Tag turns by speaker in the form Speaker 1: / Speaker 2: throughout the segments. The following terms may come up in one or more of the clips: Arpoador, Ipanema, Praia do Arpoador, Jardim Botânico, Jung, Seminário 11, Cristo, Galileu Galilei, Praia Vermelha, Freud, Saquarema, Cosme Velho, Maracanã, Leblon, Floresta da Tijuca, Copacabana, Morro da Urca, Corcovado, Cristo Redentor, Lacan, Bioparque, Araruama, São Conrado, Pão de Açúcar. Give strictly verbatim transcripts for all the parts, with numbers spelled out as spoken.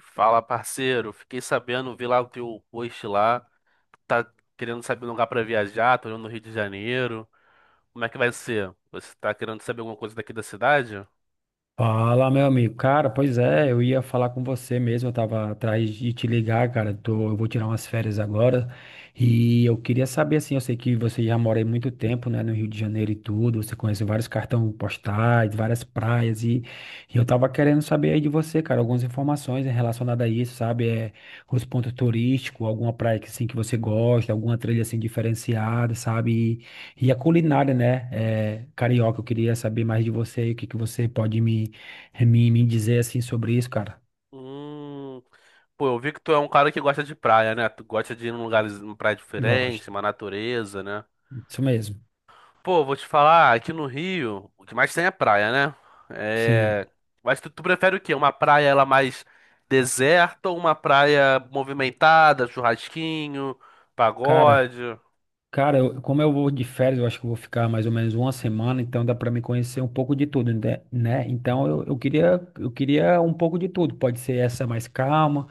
Speaker 1: Fala, parceiro. Fiquei sabendo, vi lá o teu post lá. Tá querendo saber um lugar pra viajar, tô indo no Rio de Janeiro. Como é que vai ser? Você tá querendo saber alguma coisa daqui da cidade?
Speaker 2: Fala, meu amigo. Cara, pois é, eu ia falar com você mesmo, eu tava atrás de te ligar, cara. Tô, eu vou tirar umas férias agora e eu queria saber, assim, eu sei que você já mora aí muito tempo, né, no Rio de Janeiro e tudo, você conhece vários cartões postais, várias praias e, e eu tava querendo saber aí de você, cara, algumas informações relacionadas a isso, sabe? É, os pontos turísticos, alguma praia que, assim, que você gosta, alguma trilha, assim, diferenciada, sabe? E, e a culinária, né, é, carioca, eu queria saber mais de você aí, o que que você pode me é, Me, me dizer assim sobre isso, cara.
Speaker 1: Hum, pô, eu vi que tu é um cara que gosta de praia, né? Tu gosta de ir num lugar, numa praia
Speaker 2: Gosto.
Speaker 1: diferente, uma natureza, né?
Speaker 2: Isso mesmo.
Speaker 1: Pô, vou te falar, aqui no Rio, o que mais tem é praia, né?
Speaker 2: Sim.
Speaker 1: É... Mas tu, tu prefere o quê? Uma praia ela mais deserta ou uma praia movimentada, churrasquinho,
Speaker 2: Cara,
Speaker 1: pagode?
Speaker 2: cara, eu- como eu vou de férias, eu acho que eu vou ficar mais ou menos uma semana, então dá pra me conhecer um pouco de tudo, né? né? Então eu, eu queria, eu queria um pouco de tudo. Pode ser essa mais calma,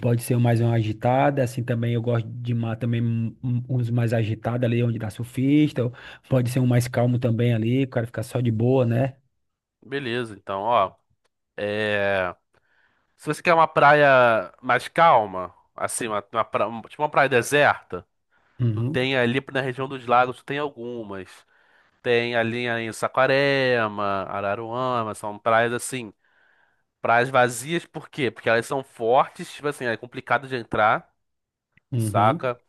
Speaker 2: pode ser mais uma agitada, assim também eu gosto de uma, também um- um- uns mais agitados ali onde dá surfista, ou pode ser um mais calmo também ali, o cara ficar só de boa, né?
Speaker 1: Beleza, então, ó. é, Se você quer uma praia mais calma, assim, uma, uma pra- um- tipo uma praia deserta, tu
Speaker 2: Uhum,
Speaker 1: tem ali na região dos lagos, tu tem algumas. Tem ali em Saquarema, Araruama, são praias assim. Praias vazias, por quê? Porque elas são fortes, tipo assim, é complicado de entrar,
Speaker 2: uhum.
Speaker 1: saca?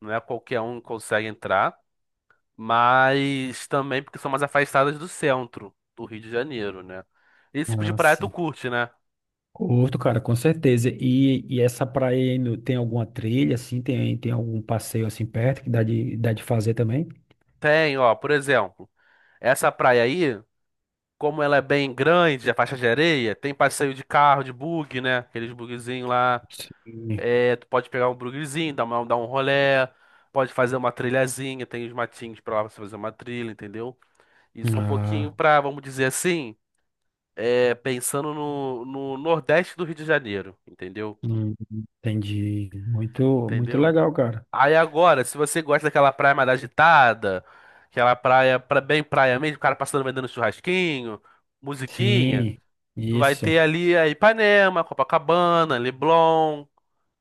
Speaker 1: Não é qualquer um que consegue entrar, mas também porque são mais afastadas do centro do Rio de Janeiro, né? Esse tipo de
Speaker 2: Ah,
Speaker 1: praia tu
Speaker 2: sim.
Speaker 1: curte, né?
Speaker 2: Curto, cara, com certeza. E, e essa praia aí no- tem alguma trilha, assim, tem, tem algum passeio assim perto que dá de, dá de fazer também?
Speaker 1: Tem, ó, por exemplo, essa praia aí, como ela é bem grande, a faixa de areia, tem passeio de carro, de bug, né? Aqueles bugzinhos lá.
Speaker 2: Sim.
Speaker 1: É, tu pode pegar um bugzinho, dar uma, dar um rolê, pode fazer uma trilhazinha, tem os matinhos pra lá pra você fazer uma trilha, entendeu? Isso é um pouquinho
Speaker 2: Ah,
Speaker 1: pra, vamos dizer assim, é, pensando no, no Nordeste do Rio de Janeiro, entendeu?
Speaker 2: hum, entendi. Muito, muito
Speaker 1: Entendeu?
Speaker 2: legal, cara.
Speaker 1: Aí agora, se você gosta daquela praia mais agitada, aquela praia pra, bem praia mesmo, o cara passando vendendo churrasquinho, musiquinha,
Speaker 2: Sim,
Speaker 1: tu vai ter
Speaker 2: isso.
Speaker 1: ali a Ipanema, Copacabana, Leblon,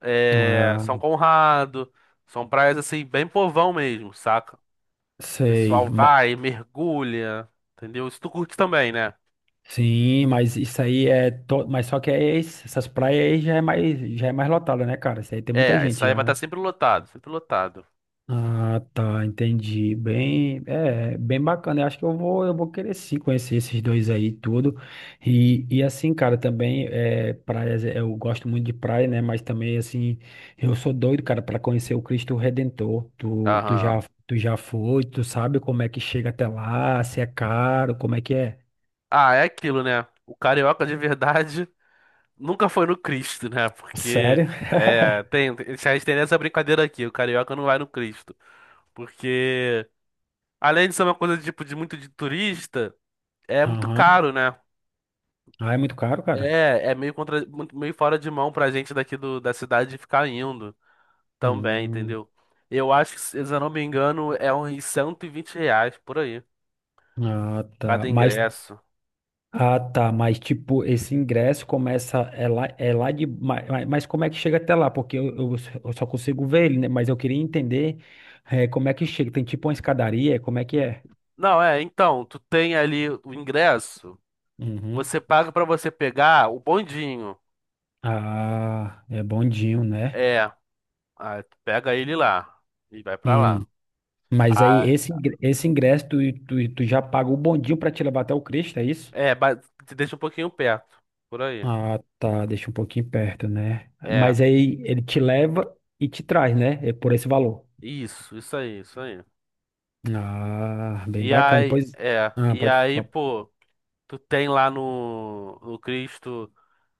Speaker 1: é,
Speaker 2: Ah,
Speaker 1: São Conrado. São praias assim, bem povão mesmo, saca? O
Speaker 2: sei.
Speaker 1: pessoal
Speaker 2: Ma-
Speaker 1: vai, mergulha, entendeu? Isso tu curte também, né?
Speaker 2: sim, mas isso aí é. To, mas só que é esse- essas praias aí já é mais, já é mais lotada, né, cara? Isso aí tem muita
Speaker 1: É, isso
Speaker 2: gente
Speaker 1: aí
Speaker 2: já,
Speaker 1: vai estar
Speaker 2: né?
Speaker 1: sempre lotado, sempre lotado.
Speaker 2: Ah, tá, entendi. Bem, é, bem bacana. Eu acho que eu vou, eu vou querer sim conhecer esses dois aí e tudo. E, e assim, cara, também é, praias, é, eu gosto muito de praia, né? Mas também assim, eu sou doido, cara, para conhecer o Cristo Redentor. Tu, tu
Speaker 1: Aham.
Speaker 2: já, tu já foi, tu sabe como é que chega até lá, se é caro, como é que é?
Speaker 1: Ah, é aquilo, né? O carioca de verdade nunca foi no Cristo, né? Porque
Speaker 2: Sério?
Speaker 1: é, tem, a gente tem essa brincadeira aqui, o carioca não vai no Cristo. Porque além de ser uma coisa tipo de muito de turista, é muito
Speaker 2: Aham.
Speaker 1: caro, né?
Speaker 2: Ah, é muito caro, cara.
Speaker 1: É, é meio contra, muito- meio fora de mão pra gente daqui do, da cidade ficar indo também,
Speaker 2: Hum,
Speaker 1: entendeu? Eu acho que, se eu não me engano, é uns cento e vinte reais por aí,
Speaker 2: ah, tá.
Speaker 1: cada
Speaker 2: Mas
Speaker 1: ingresso.
Speaker 2: ah, tá, mas tipo, esse ingresso começa, é lá, é lá de, ma- ma- mas, como é que chega até lá? Porque eu, eu s- eu só consigo ver ele, né? Mas eu queria entender eh, como é que chega, tem tipo uma escadaria, como é que é?
Speaker 1: Não, é, então, tu tem ali o ingresso,
Speaker 2: Uhum.
Speaker 1: você paga pra você pegar o bondinho.
Speaker 2: Ah, é bondinho, né?
Speaker 1: É, ah, tu pega ele lá e vai pra lá.
Speaker 2: Hum. Mas aí
Speaker 1: Ah,
Speaker 2: esse, ingre- esse ingresso, tu, tu, tu já paga o bondinho pra te levar até o Cristo, é isso?
Speaker 1: é, ba- te deixa um pouquinho perto, por aí.
Speaker 2: Ah, tá, deixa um pouquinho perto, né?
Speaker 1: É,
Speaker 2: Mas aí ele te leva e te traz, né? É por esse valor.
Speaker 1: isso, isso aí, isso aí.
Speaker 2: Ah, bem
Speaker 1: E
Speaker 2: bacana.
Speaker 1: aí,
Speaker 2: Pois,
Speaker 1: é,
Speaker 2: ah,
Speaker 1: e
Speaker 2: pode
Speaker 1: aí,
Speaker 2: falar.
Speaker 1: pô, tu tem lá no, no Cristo,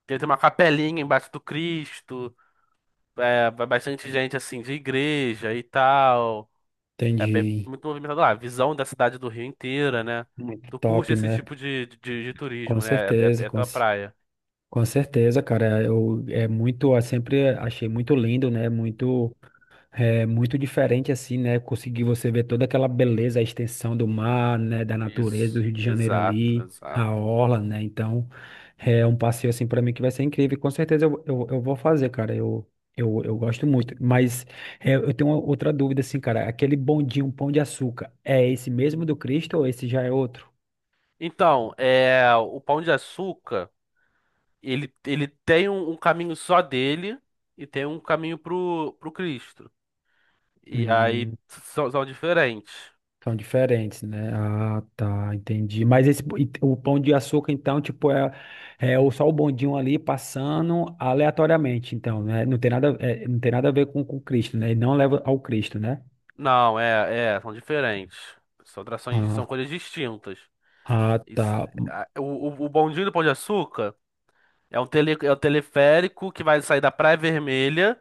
Speaker 1: tem uma capelinha embaixo do Cristo, é, vai bastante gente assim de igreja e tal. É bem-
Speaker 2: Entendi.
Speaker 1: muito movimentado lá. A visão da cidade do Rio inteira, né?
Speaker 2: Muito
Speaker 1: Tu curte
Speaker 2: top,
Speaker 1: esse
Speaker 2: né?
Speaker 1: tipo de, de, de
Speaker 2: Com
Speaker 1: turismo, né? É, é,
Speaker 2: certeza,
Speaker 1: é
Speaker 2: com,
Speaker 1: tua
Speaker 2: c-
Speaker 1: praia.
Speaker 2: com certeza, cara. Eu é muito, eu sempre achei muito lindo, né? Muito. É muito diferente assim, né? Conseguir você ver toda aquela beleza, a extensão do mar, né? Da natureza do
Speaker 1: Isso,
Speaker 2: Rio de Janeiro
Speaker 1: exato,
Speaker 2: ali, a
Speaker 1: exato.
Speaker 2: orla, né? Então, é um passeio assim para mim que vai ser incrível. Com certeza eu, eu, eu vou fazer, cara. Eu, eu, eu gosto muito. Mas é, eu tenho uma outra dúvida assim, cara. Aquele bondinho, um pão de açúcar, é esse mesmo do Cristo ou esse já é outro?
Speaker 1: Então, é, o Pão de Açúcar, ele, ele tem um, um caminho só dele e tem um caminho pro, pro Cristo. E aí
Speaker 2: Hum.
Speaker 1: são, são diferentes.
Speaker 2: São diferentes, né? Ah, tá, entendi. Mas esse, e o pão de açúcar, então, tipo, é, é o- só o bondinho ali passando aleatoriamente, então, né? Não tem nada, é, não tem nada a ver com, com Cristo, né? E não leva ao Cristo, né?
Speaker 1: Não, é, é, são diferentes. São atrações, são
Speaker 2: Ah,
Speaker 1: coisas distintas.
Speaker 2: ah,
Speaker 1: Isso-
Speaker 2: tá.
Speaker 1: a- o, o, o bondinho do Pão de Açúcar. É um, tele, é um teleférico que vai sair da Praia Vermelha,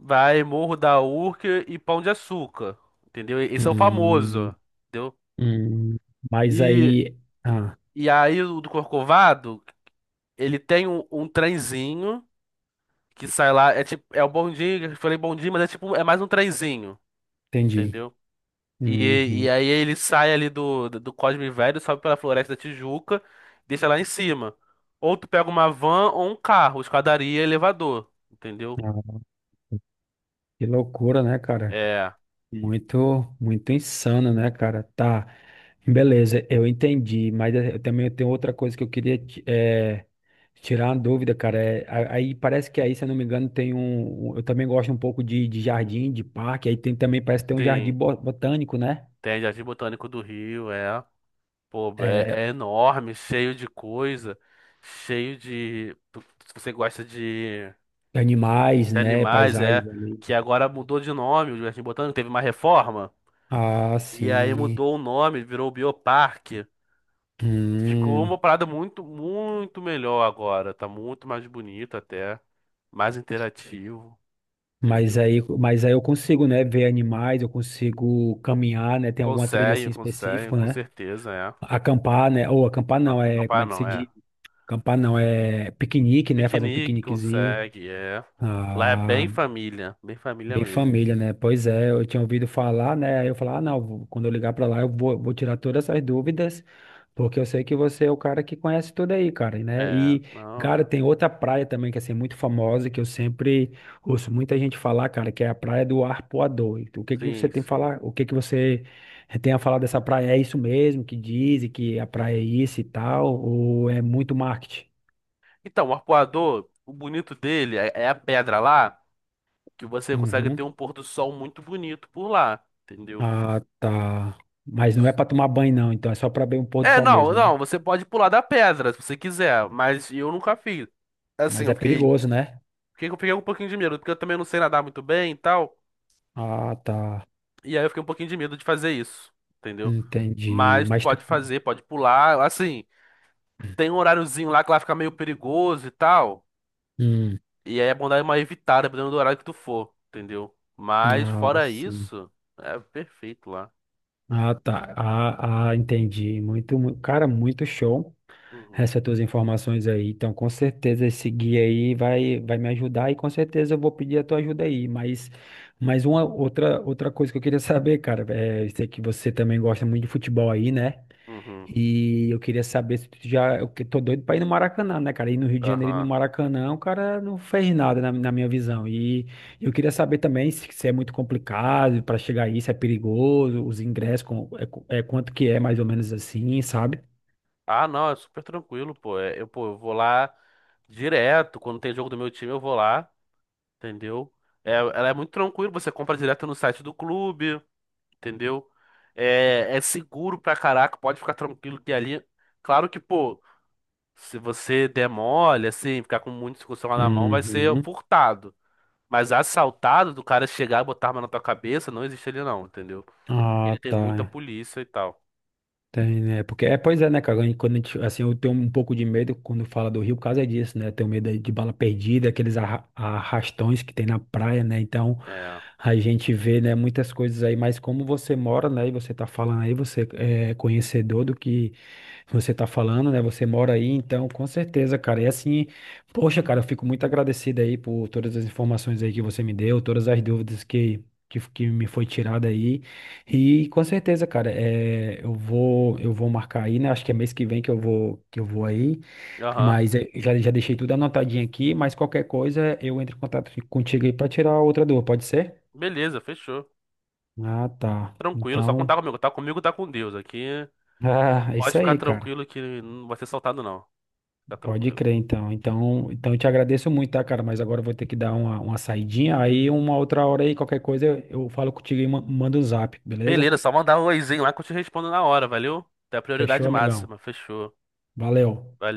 Speaker 1: vai Morro da Urca e Pão de Açúcar, entendeu? Esse é o famoso,
Speaker 2: Hum,
Speaker 1: entendeu?
Speaker 2: hum. Hum. Mas
Speaker 1: E,
Speaker 2: aí. Ah,
Speaker 1: e aí o do Corcovado, ele tem um, um trenzinho que sai lá, é tipo, é o bondinho, eu falei bondinho, mas é tipo, é mais um trenzinho,
Speaker 2: entendi.
Speaker 1: entendeu? E, e
Speaker 2: Uhum.
Speaker 1: aí ele sai ali do, do Cosme Velho, sobe pela Floresta da Tijuca, deixa lá em cima. Ou tu pega uma van ou um carro, escadaria, elevador, entendeu?
Speaker 2: Ah, que loucura, né, cara?
Speaker 1: É,
Speaker 2: Muito, muito insano, né, cara? Tá, beleza, eu entendi, mas eh, eu também tenho outra coisa que eu queria ti- eh, tirar uma dúvida, cara. É, a- aí parece que aí, se eu não me engano, tem um. um- eu também gosto um pouco de, de jardim, de parque, aí tem também, parece que tem um jardim
Speaker 1: tem.
Speaker 2: bo- botânico, né?
Speaker 1: Tem Jardim Botânico do Rio, é. Pô, é,
Speaker 2: É,
Speaker 1: é enorme, cheio de coisa, cheio de. tu- Se você gosta de,
Speaker 2: animais,
Speaker 1: de
Speaker 2: né?
Speaker 1: animais,
Speaker 2: Paisagens
Speaker 1: é.
Speaker 2: ali.
Speaker 1: Que agora mudou de nome, o Jardim Botânico teve uma reforma.
Speaker 2: Ah,
Speaker 1: E aí
Speaker 2: sim.
Speaker 1: mudou o nome, virou Bioparque. Ficou uma
Speaker 2: Hum,
Speaker 1: parada muito, muito melhor agora. Tá muito mais bonito até. Mais interativo,
Speaker 2: mas
Speaker 1: entendeu?
Speaker 2: aí, mas aí eu consigo, né, ver animais, eu consigo caminhar, né? Tem alguma trilha
Speaker 1: Consegue,
Speaker 2: assim
Speaker 1: consegue,
Speaker 2: específica,
Speaker 1: com
Speaker 2: né?
Speaker 1: certeza, é.
Speaker 2: Acampar, né? Ou acampar
Speaker 1: Não,
Speaker 2: não, é. Como
Speaker 1: capaz
Speaker 2: é que se
Speaker 1: não, é.
Speaker 2: diz? Acampar não, é piquenique, né? Fazer um
Speaker 1: Piquenique
Speaker 2: piqueniquezinho.
Speaker 1: consegue, é. Lá é
Speaker 2: Ah,
Speaker 1: bem família, bem família
Speaker 2: bem
Speaker 1: mesmo.
Speaker 2: família, né? Pois é, eu tinha ouvido falar, né? Aí eu falar, ah, não, vou- quando eu ligar pra lá, eu vou, vou tirar todas essas dúvidas, porque eu sei que você é o cara que conhece tudo aí, cara, né?
Speaker 1: É,
Speaker 2: E,
Speaker 1: não
Speaker 2: cara,
Speaker 1: é.
Speaker 2: tem outra praia também que é assim, é muito famosa, que eu sempre ouço muita gente falar, cara, que é a Praia do Arpoador. E tu- o que que você
Speaker 1: Sim,
Speaker 2: tem a
Speaker 1: sim.
Speaker 2: falar? O que que você tem a falar dessa praia? É isso mesmo que dizem que a praia é isso e tal, ou é muito marketing?
Speaker 1: Então, o arpoador, o bonito dele é, é a pedra lá, que você consegue
Speaker 2: Uhum.
Speaker 1: ter um pôr do sol muito bonito por lá, entendeu?
Speaker 2: Ah, tá. Mas não é pra tomar banho, não, então é só pra ver um pôr do
Speaker 1: É,
Speaker 2: sol
Speaker 1: não,
Speaker 2: mesmo, né?
Speaker 1: não, você pode pular da pedra se você quiser, mas eu nunca fiz. Assim,
Speaker 2: Mas
Speaker 1: eu
Speaker 2: é
Speaker 1: fiquei,
Speaker 2: perigoso, né?
Speaker 1: fiquei, eu fiquei um pouquinho de medo, porque eu também não sei nadar muito bem e tal,
Speaker 2: Ah, tá.
Speaker 1: e aí eu fiquei um pouquinho de medo de fazer isso, entendeu?
Speaker 2: Entendi.
Speaker 1: Mas tu
Speaker 2: Mas tu.
Speaker 1: pode fazer, pode pular, assim. Tem um horáriozinho lá que lá fica meio perigoso e tal.
Speaker 2: Hum.
Speaker 1: E aí é bom dar uma evitada, dependendo do horário que tu for, entendeu? Mas
Speaker 2: Ah,
Speaker 1: fora
Speaker 2: sim.
Speaker 1: isso, é perfeito lá.
Speaker 2: Ah, tá. Ah, ah, entendi. Muito, mu- cara, muito show.
Speaker 1: Uhum.
Speaker 2: Essas tuas informações aí. Então, com certeza esse guia aí vai, vai me ajudar e com certeza eu vou pedir a tua ajuda aí. Mas, mas uma outra, outra coisa que eu queria saber, cara, é, eu sei que você também gosta muito de futebol aí, né?
Speaker 1: Uhum.
Speaker 2: E eu queria saber se tu já. Eu que- tô doido pra ir no Maracanã, né, cara? Ir no Rio de Janeiro e no
Speaker 1: Aham.
Speaker 2: Maracanã, o cara não fez nada na, na minha visão. E eu queria saber também se, se é muito complicado pra chegar aí, se é perigoso, os ingressos, com, é, co- é quanto que é mais ou menos assim, sabe?
Speaker 1: Ah, não, é super tranquilo, pô. É, eu, pô, eu vou lá direto. Quando tem jogo do meu time, eu vou lá, entendeu? É, ela é muito tranquila, você compra direto no site do clube, entendeu? É, é seguro pra caraca, pode ficar tranquilo que ali. Claro que, pô, se você der mole, assim, ficar com muita discussão lá na mão, vai ser
Speaker 2: Uhum.
Speaker 1: furtado. Mas assaltado, do cara chegar e botar arma na tua cabeça, não existe ele não, entendeu?
Speaker 2: Ah,
Speaker 1: Ele tem muita
Speaker 2: tá.
Speaker 1: polícia e tal.
Speaker 2: Tem, né? Porque, é, pois é, né, cara? E quando a gente, assim, eu tenho um pouco de medo quando fala do Rio, por causa disso, né? Eu tenho medo aí de bala perdida, aqueles arra- arrastões que tem na praia, né? Então,
Speaker 1: É.
Speaker 2: a gente vê, né, muitas coisas aí, mas como você mora, né, e você tá falando aí, você é conhecedor do que você tá falando, né? Você mora aí, então, com certeza, cara. E assim, poxa, cara, eu fico muito agradecido aí por todas as informações aí que você me deu, todas as dúvidas que, que, que me foi tirada aí. E com certeza, cara, é, eu vou, eu vou marcar aí, né? Acho que é mês que vem que eu vou, que eu vou aí,
Speaker 1: Aham.
Speaker 2: mas é, já, já deixei tudo anotadinho aqui, mas qualquer coisa eu entro em contato contigo aí pra tirar outra dúvida, pode ser?
Speaker 1: Beleza, fechou.
Speaker 2: Ah, tá.
Speaker 1: Tranquilo, só
Speaker 2: Então,
Speaker 1: contar comigo. Tá comigo, tá com Deus. Aqui
Speaker 2: ah, é
Speaker 1: pode
Speaker 2: isso
Speaker 1: ficar
Speaker 2: aí, cara.
Speaker 1: tranquilo que não vai ser assaltado, não. Fica
Speaker 2: Pode
Speaker 1: tranquilo.
Speaker 2: crer, então. Então, então eu te agradeço muito, tá, cara? Mas agora eu vou ter que dar uma, uma saidinha, aí uma outra hora aí, qualquer coisa eu, eu falo contigo e ma- mando o zap, beleza?
Speaker 1: Beleza, só mandar um oizinho lá que eu te respondo na hora, valeu? Tem a
Speaker 2: Fechou,
Speaker 1: prioridade
Speaker 2: amigão?
Speaker 1: máxima, fechou.
Speaker 2: Valeu.
Speaker 1: Valeu.